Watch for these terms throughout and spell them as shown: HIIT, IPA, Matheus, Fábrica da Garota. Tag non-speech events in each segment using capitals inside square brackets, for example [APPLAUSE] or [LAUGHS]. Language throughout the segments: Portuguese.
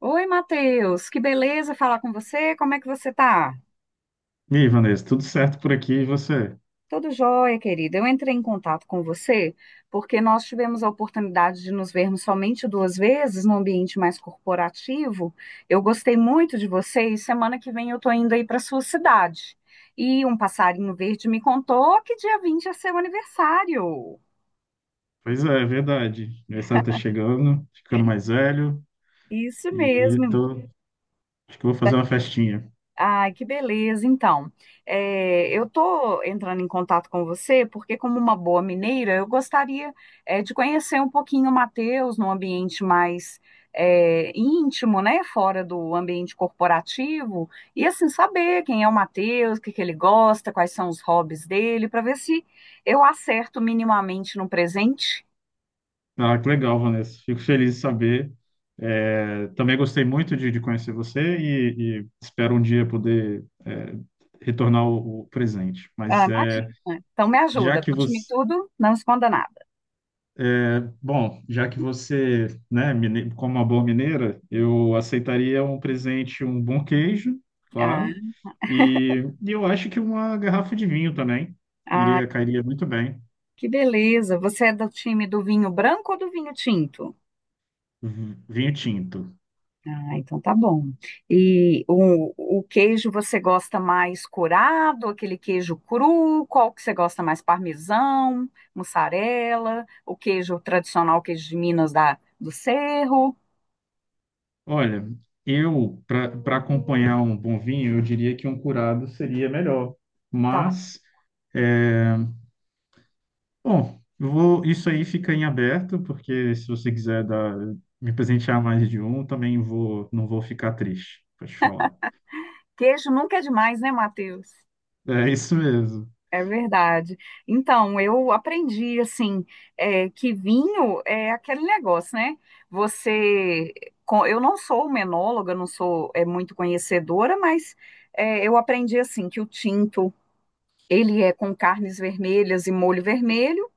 Oi, Matheus, que beleza falar com você. Como é que você tá? E aí, Vanessa, tudo certo por aqui e você? Tudo jóia, querida. Eu entrei em contato com você porque nós tivemos a oportunidade de nos vermos somente duas vezes no ambiente mais corporativo. Eu gostei muito de você e semana que vem eu tô indo aí para sua cidade. E um passarinho verde me contou que dia 20 é seu aniversário. Pois é, é verdade. Aniversário tá chegando, ficando mais velho Isso e mesmo. tô, acho que vou fazer uma festinha. Ai, que beleza. Então, eu estou entrando em contato com você porque, como uma boa mineira, eu gostaria, de conhecer um pouquinho o Matheus num ambiente mais, íntimo, né? Fora do ambiente corporativo. E, assim, saber quem é o Matheus, o que que ele gosta, quais são os hobbies dele, para ver se eu acerto minimamente num presente. Ah, que legal, Vanessa. Fico feliz de saber. É, também gostei muito de conhecer você e espero um dia poder retornar o presente. Ah, Mas imagina. Então, me já ajuda. que Conte-me você, tudo, não esconda nada. Já que você, né, como uma boa mineira, eu aceitaria um presente, um bom queijo, claro, e eu acho que uma garrafa de vinho também Ah. iria cairia muito bem. Que beleza. Você é do time do vinho branco ou do vinho tinto? Vinho tinto. Ah, então tá bom. E o queijo você gosta mais curado, aquele queijo cru? Qual que você gosta mais? Parmesão, mussarela, o queijo tradicional, queijo de Minas da, do Cerro? Olha, eu para acompanhar um bom vinho, eu diria que um curado seria melhor, Tá. mas é, Bom, isso aí fica em aberto, porque se você quiser me presentear mais de um, também vou, não vou ficar triste, pode falar. Queijo nunca é demais, né, Matheus? É isso mesmo. É verdade. Então, eu aprendi assim, que vinho é aquele negócio, né? Você, eu não sou menóloga, não sou muito conhecedora, mas eu aprendi assim que o tinto ele é com carnes vermelhas e molho vermelho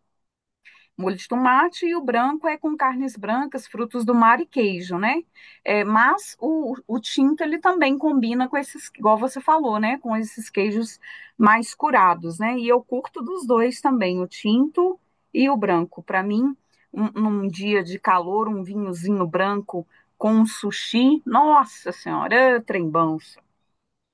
molho de tomate e o branco é com carnes brancas, frutos do mar e queijo, né? É, mas o tinto ele também combina com esses, igual você falou, né? Com esses queijos mais curados, né? E eu curto dos dois também, o tinto e o branco. Para mim, um, num dia de calor, um vinhozinho branco com um sushi, nossa senhora, trembão.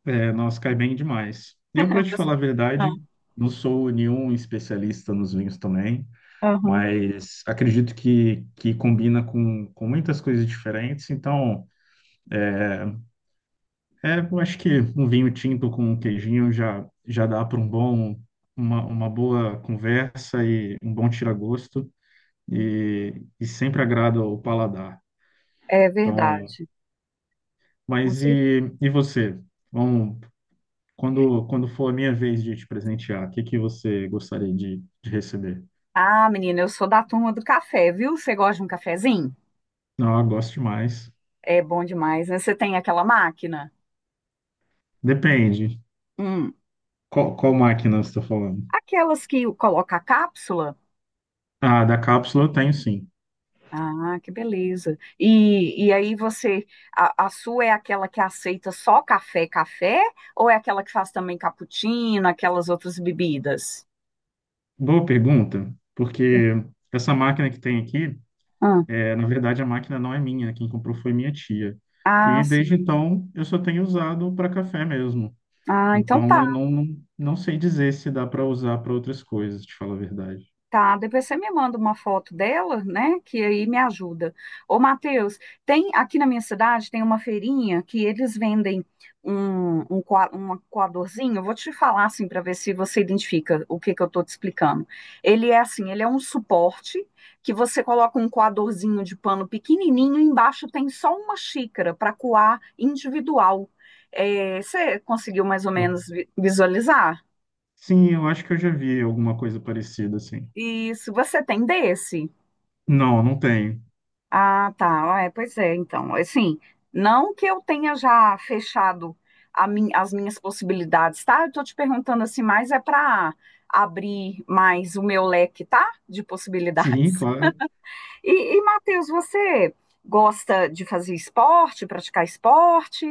É, nossa, cai bem demais. Eu, para [LAUGHS] te Você- falar a Ah, verdade, não sou nenhum especialista nos vinhos também, aham. mas acredito que combina com muitas coisas diferentes. Então, eu acho que um vinho tinto com um queijinho já dá para uma boa conversa e um bom tira-gosto e sempre agrada o paladar. É Então, verdade. Com mas certeza. e você? Vamos, quando for a minha vez de te presentear, o que que você gostaria de receber? Ah, menina, eu sou da turma do café, viu? Você gosta de um cafezinho? Não, eu gosto demais. É bom demais, né? Você tem aquela máquina? Depende. Hum. Qual máquina você está falando? Aquelas que coloca a cápsula? Ah, da cápsula eu tenho sim. Ah, que beleza. E aí você, a sua é aquela que aceita só café, café? Ou é aquela que faz também cappuccino, aquelas outras bebidas? Boa pergunta, porque essa máquina que tem aqui, Ah, na verdade a máquina não é minha, quem comprou foi minha tia. ah, E desde sim. então eu só tenho usado para café mesmo. Ah, então Então tá. eu não sei dizer se dá para usar para outras coisas, te falar a verdade. Tá, depois você me manda uma foto dela, né? Que aí me ajuda. Ô, Matheus, tem aqui na minha cidade tem uma feirinha que eles vendem um coadorzinho. Eu vou te falar assim para ver se você identifica o que que eu tô te explicando. Ele é assim, ele é um suporte que você coloca um coadorzinho de pano pequenininho, e embaixo tem só uma xícara para coar individual. É, você conseguiu mais ou menos visualizar? Sim, eu acho que eu já vi alguma coisa parecida assim. Isso, você tem desse? Não, não tenho. Ah, tá. Ah, é, pois é, então. Assim, não que eu tenha já fechado as minhas possibilidades, tá? Eu tô te perguntando assim, mas é para abrir mais o meu leque, tá? De Sim, possibilidades. claro. [LAUGHS] E Matheus, você gosta de fazer esporte, praticar esporte?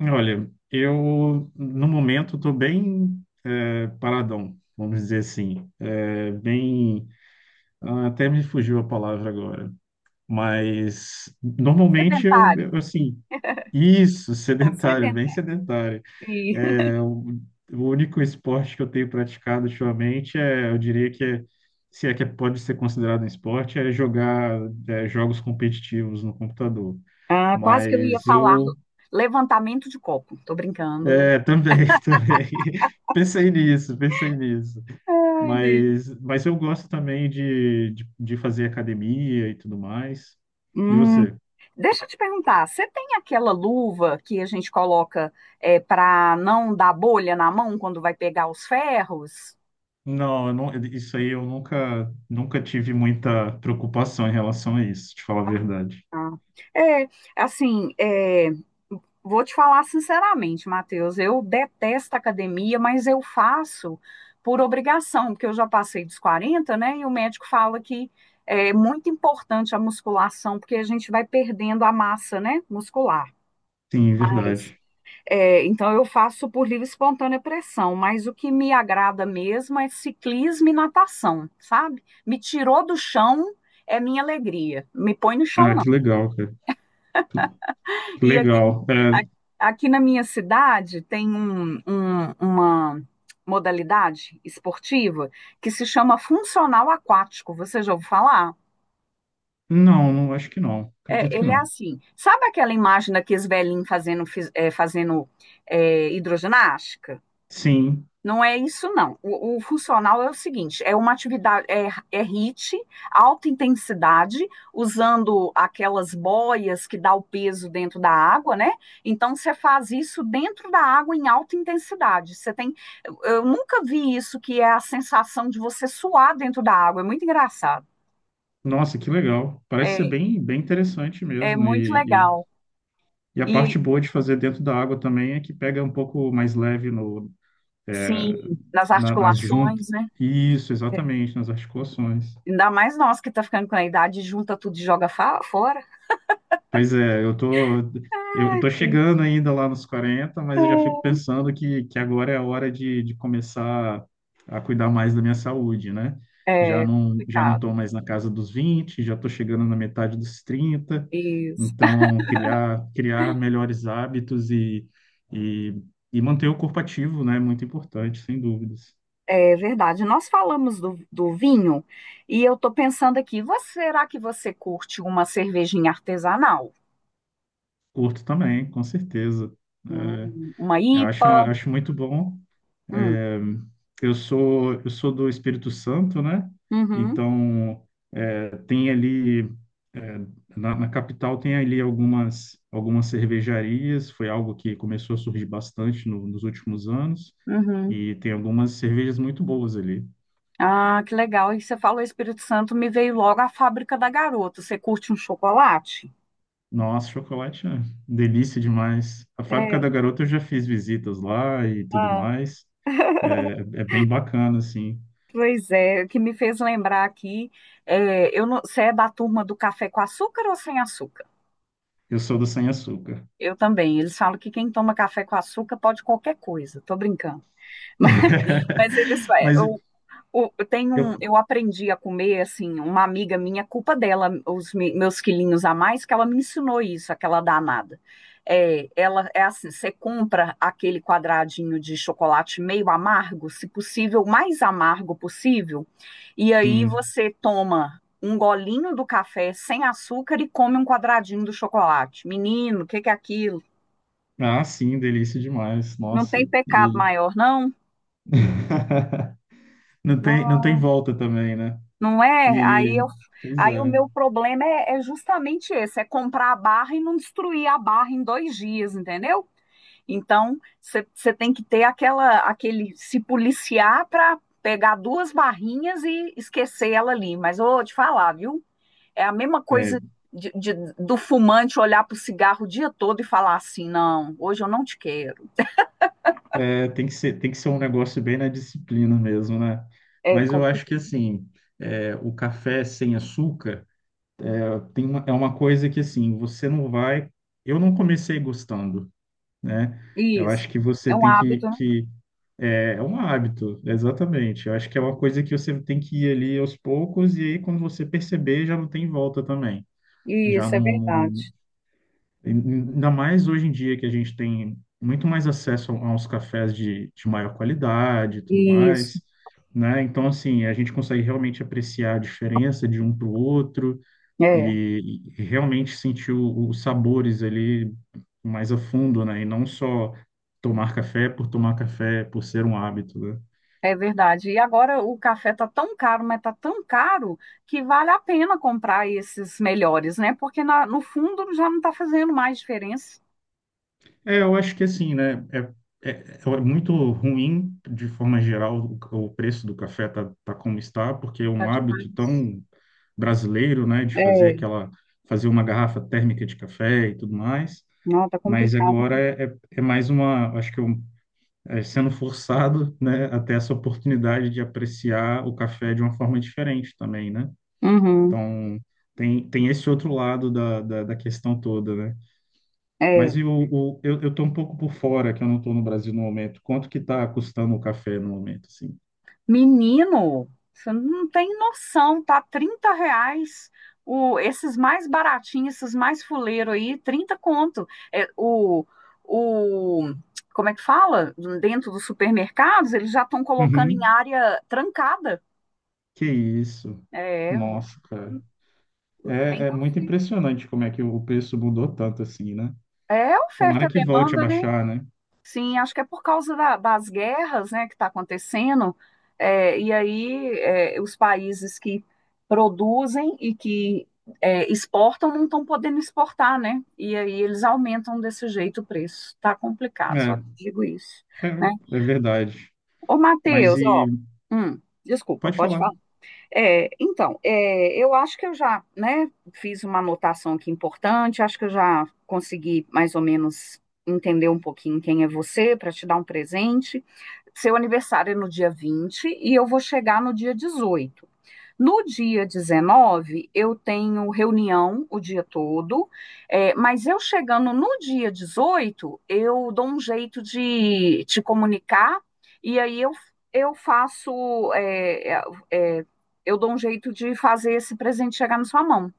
Olha, eu no momento estou bem paradão, vamos dizer assim. É, bem, ah, até me fugiu a palavra agora. Mas normalmente eu, Sedentário, eu, assim, isso, [LAUGHS] tá sedentário, bem sedentário. sedentário. E- [LAUGHS] É, o único esporte que eu tenho praticado ultimamente é, eu diria que é, se é que pode ser considerado um esporte, é jogar jogos competitivos no computador. Ah, quase que eu ia Mas falar eu levantamento de copo. Tô brincando. É, também, [LAUGHS] também. Pensei nisso, pensei nisso. Ai, Deus. Mas eu gosto também de fazer academia e tudo mais. E você? Deixa eu te perguntar, você tem aquela luva que a gente coloca para não dar bolha na mão quando vai pegar os ferros? Não, eu não, isso aí eu nunca tive muita preocupação em relação a isso, te falar a verdade. Ah, é, assim, vou te falar sinceramente, Matheus, eu detesto academia, mas eu faço por obrigação, porque eu já passei dos 40, né? E o médico fala que é muito importante a musculação, porque a gente vai perdendo a massa, né, muscular. Sim, Mas verdade. Então eu faço por livre e espontânea pressão, mas o que me agrada mesmo é ciclismo e natação, sabe? Me tirou do chão é minha alegria, me põe no chão Ah, não. que legal, cara. Que E aqui, legal. Aqui na minha cidade tem uma modalidade esportiva que se chama funcional aquático, você já ouviu falar? Não, não, acho que não. É, Acredito que ele é não. assim, sabe aquela imagem daqueles velhinhos fazendo hidroginástica? Sim. Não é isso, não. O funcional é o seguinte: é uma atividade, é HIIT, alta intensidade, usando aquelas boias que dá o peso dentro da água, né? Então você faz isso dentro da água em alta intensidade. Eu nunca vi isso que é a sensação de você suar dentro da água. É muito engraçado. Nossa, que legal. Parece ser É, bem, bem interessante é mesmo. muito E, legal. E a E parte boa de fazer dentro da água também é que pega um pouco mais leve no, é, sim, nas na- nas juntas. articulações, né? Isso, exatamente, nas articulações. Ainda mais nós que tá ficando com a idade, junta tudo e joga fora. Pois é, eu tô, eu, eu Ai, tô chegando ainda lá nos 40, mas eu já é. fico pensando que agora é a hora de começar a cuidar mais da minha saúde, né? É Já não complicado. tô mais na casa dos 20, já tô chegando na metade dos 30, Isso. então criar melhores hábitos e, e, e, manter o corpo ativo, né? É muito importante, sem dúvidas. É verdade. Nós falamos do vinho e eu estou pensando aqui, será que você curte uma cervejinha artesanal? Curto também, com certeza. Hum, É, uma eu acho, IPA? acho muito bom. Hum, Eu sou do Espírito Santo, né? uhum, Então, tem ali, eh, na capital, tem ali algumas cervejarias. Foi algo que começou a surgir bastante nos últimos anos. uhum. E tem algumas cervejas muito boas ali. Ah, que legal. E você falou Espírito Santo, me veio logo a Fábrica da Garota. Você curte um chocolate? Nossa, chocolate é delícia demais. A Fábrica É, da Garota eu já fiz visitas lá e tudo mais. É, é bem bacana, assim. pois é, o que me fez lembrar aqui, é, eu não- você é da turma do café com açúcar ou sem açúcar? Eu sou do sem açúcar. Eu também. Eles falam que quem toma café com açúcar pode qualquer coisa. Tô brincando. [LAUGHS] Mas, mas eles, [LAUGHS] Mas eu, tenho eu, um, eu aprendi a comer assim. Uma amiga minha, culpa dela, os meus quilinhos a mais, que ela me ensinou isso, aquela danada. É, ela é assim, você compra aquele quadradinho de chocolate meio amargo, se possível, o mais amargo possível, e aí sim, você toma um golinho do café sem açúcar e come um quadradinho do chocolate. Menino, o que que é aquilo? Ah, sim, delícia demais. Não tem Nossa, pecado e maior, não? [LAUGHS] não tem Não, volta também, né? não é? Aí, E eu, pois aí o meu problema é, justamente esse: é comprar a barra e não destruir a barra em 2 dias, entendeu? Então, você tem que ter aquela, aquele, se policiar para pegar duas barrinhas e esquecer ela ali. Mas eu vou te falar, viu? É a mesma é, coisa do fumante olhar para o cigarro o dia todo e falar assim: não, hoje eu não te quero. Tem que ser um negócio bem na disciplina mesmo, né? É Mas eu acho que complicado. assim, o café sem açúcar é uma coisa que assim, você não vai. Eu não comecei gostando, né? Eu acho Isso. que você É um tem que, hábito, né? que é um hábito, exatamente. Eu acho que é uma coisa que você tem que ir ali aos poucos e aí quando você perceber já não tem volta também. Já Isso, é não, verdade. Ainda mais hoje em dia que a gente tem muito mais acesso a uns cafés de maior qualidade e tudo Isso, mais, né? Então, assim, a gente consegue realmente apreciar a diferença de um para o outro é, e realmente sentir os sabores ali mais a fundo, né? E não só tomar café, por ser um hábito, né? é verdade. E agora o café tá tão caro, mas tá tão caro que vale a pena comprar esses melhores, né? Porque no fundo já não tá fazendo mais diferença. É, eu acho que assim, né? É, é, É muito ruim, de forma geral, o preço do café tá como está, porque é Tá um hábito demais. tão brasileiro, né? De fazer É, fazer uma garrafa térmica de café e tudo mais. não, tá Mas complicado. agora é, é, é mais uma, acho que é um, é sendo forçado, né? A ter essa oportunidade de apreciar o café de uma forma diferente também, né? Uhum, Então, tem esse outro lado da questão toda, né? é. Mas eu tô um pouco por fora, que eu não estou no Brasil no momento. Quanto que está custando o café no momento, assim? Menino, você não tem noção, tá? R$ 30. O, esses mais baratinhos, esses mais fuleiro aí, 30 conto. É, o, como é que fala? Dentro dos supermercados, eles já estão colocando em Uhum. área trancada. Que isso? É, Nossa, cara. o trem É tá muito feio. impressionante como é que o preço mudou tanto assim, né? É oferta Tomara e que volte a demanda, né? baixar, né? Sim, acho que é por causa das guerras, né, que está acontecendo, e aí os países que produzem e que exportam não estão podendo exportar, né? E aí eles aumentam desse jeito o preço. Tá complicado, só É, digo isso, é, né? é verdade. Ô, Mas Matheus, e ó, desculpa, Pode pode falar. falar. É, então, eu acho que eu já, né, fiz uma anotação aqui importante, acho que eu já consegui mais ou menos entender um pouquinho quem é você para te dar um presente. Seu aniversário é no dia 20 e eu vou chegar no dia 18. No dia 19 eu tenho reunião o dia todo, mas eu chegando no dia 18 eu dou um jeito de te comunicar e aí eu faço, é, é, é, eu dou um jeito de fazer esse presente chegar na sua mão,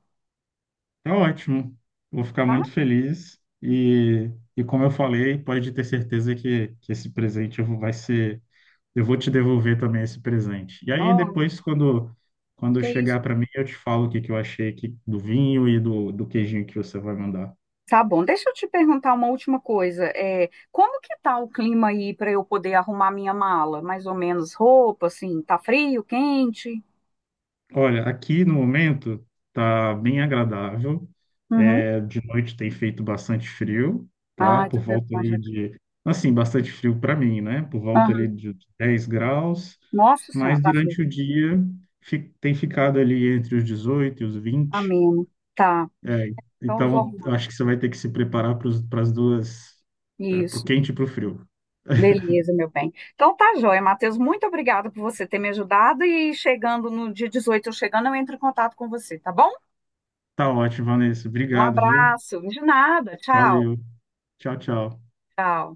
Tá ótimo. Vou ficar tá? muito feliz. E como eu falei, pode ter certeza que esse presente vai ser eu vou te devolver também esse presente. E aí Oh, depois, quando, que chegar isso? para mim, eu te falo o que eu achei aqui do vinho e do queijinho que você vai mandar. Tá bom. Deixa eu te perguntar uma última coisa. Como que tá o clima aí para eu poder arrumar minha mala? Mais ou menos roupa, assim, tá frio, quente? Olha, aqui no momento tá bem agradável. Uhum. É, de noite tem feito bastante frio, tá? Ai, Por tudo bem volta com a aí jaca. de, assim, bastante frio para mim, né? Por volta ali Aham. de 10 graus, Nossa senhora, mas tá feio. durante o dia tem ficado ali entre os 18 e os 20. Ameno. Tá. É, Então eu vou então, arrumar eu acho que você vai ter que se preparar para as duas, para o isso. quente e para o frio. Beleza, meu bem. Então tá joia, Matheus. Muito obrigada por você ter me ajudado. E chegando no dia 18 eu chegando, eu entro em contato com você, tá bom? Tá ótimo, Vanessa. Um Obrigado, viu? abraço. De nada. Tchau. Valeu. Tchau, tchau. Tchau.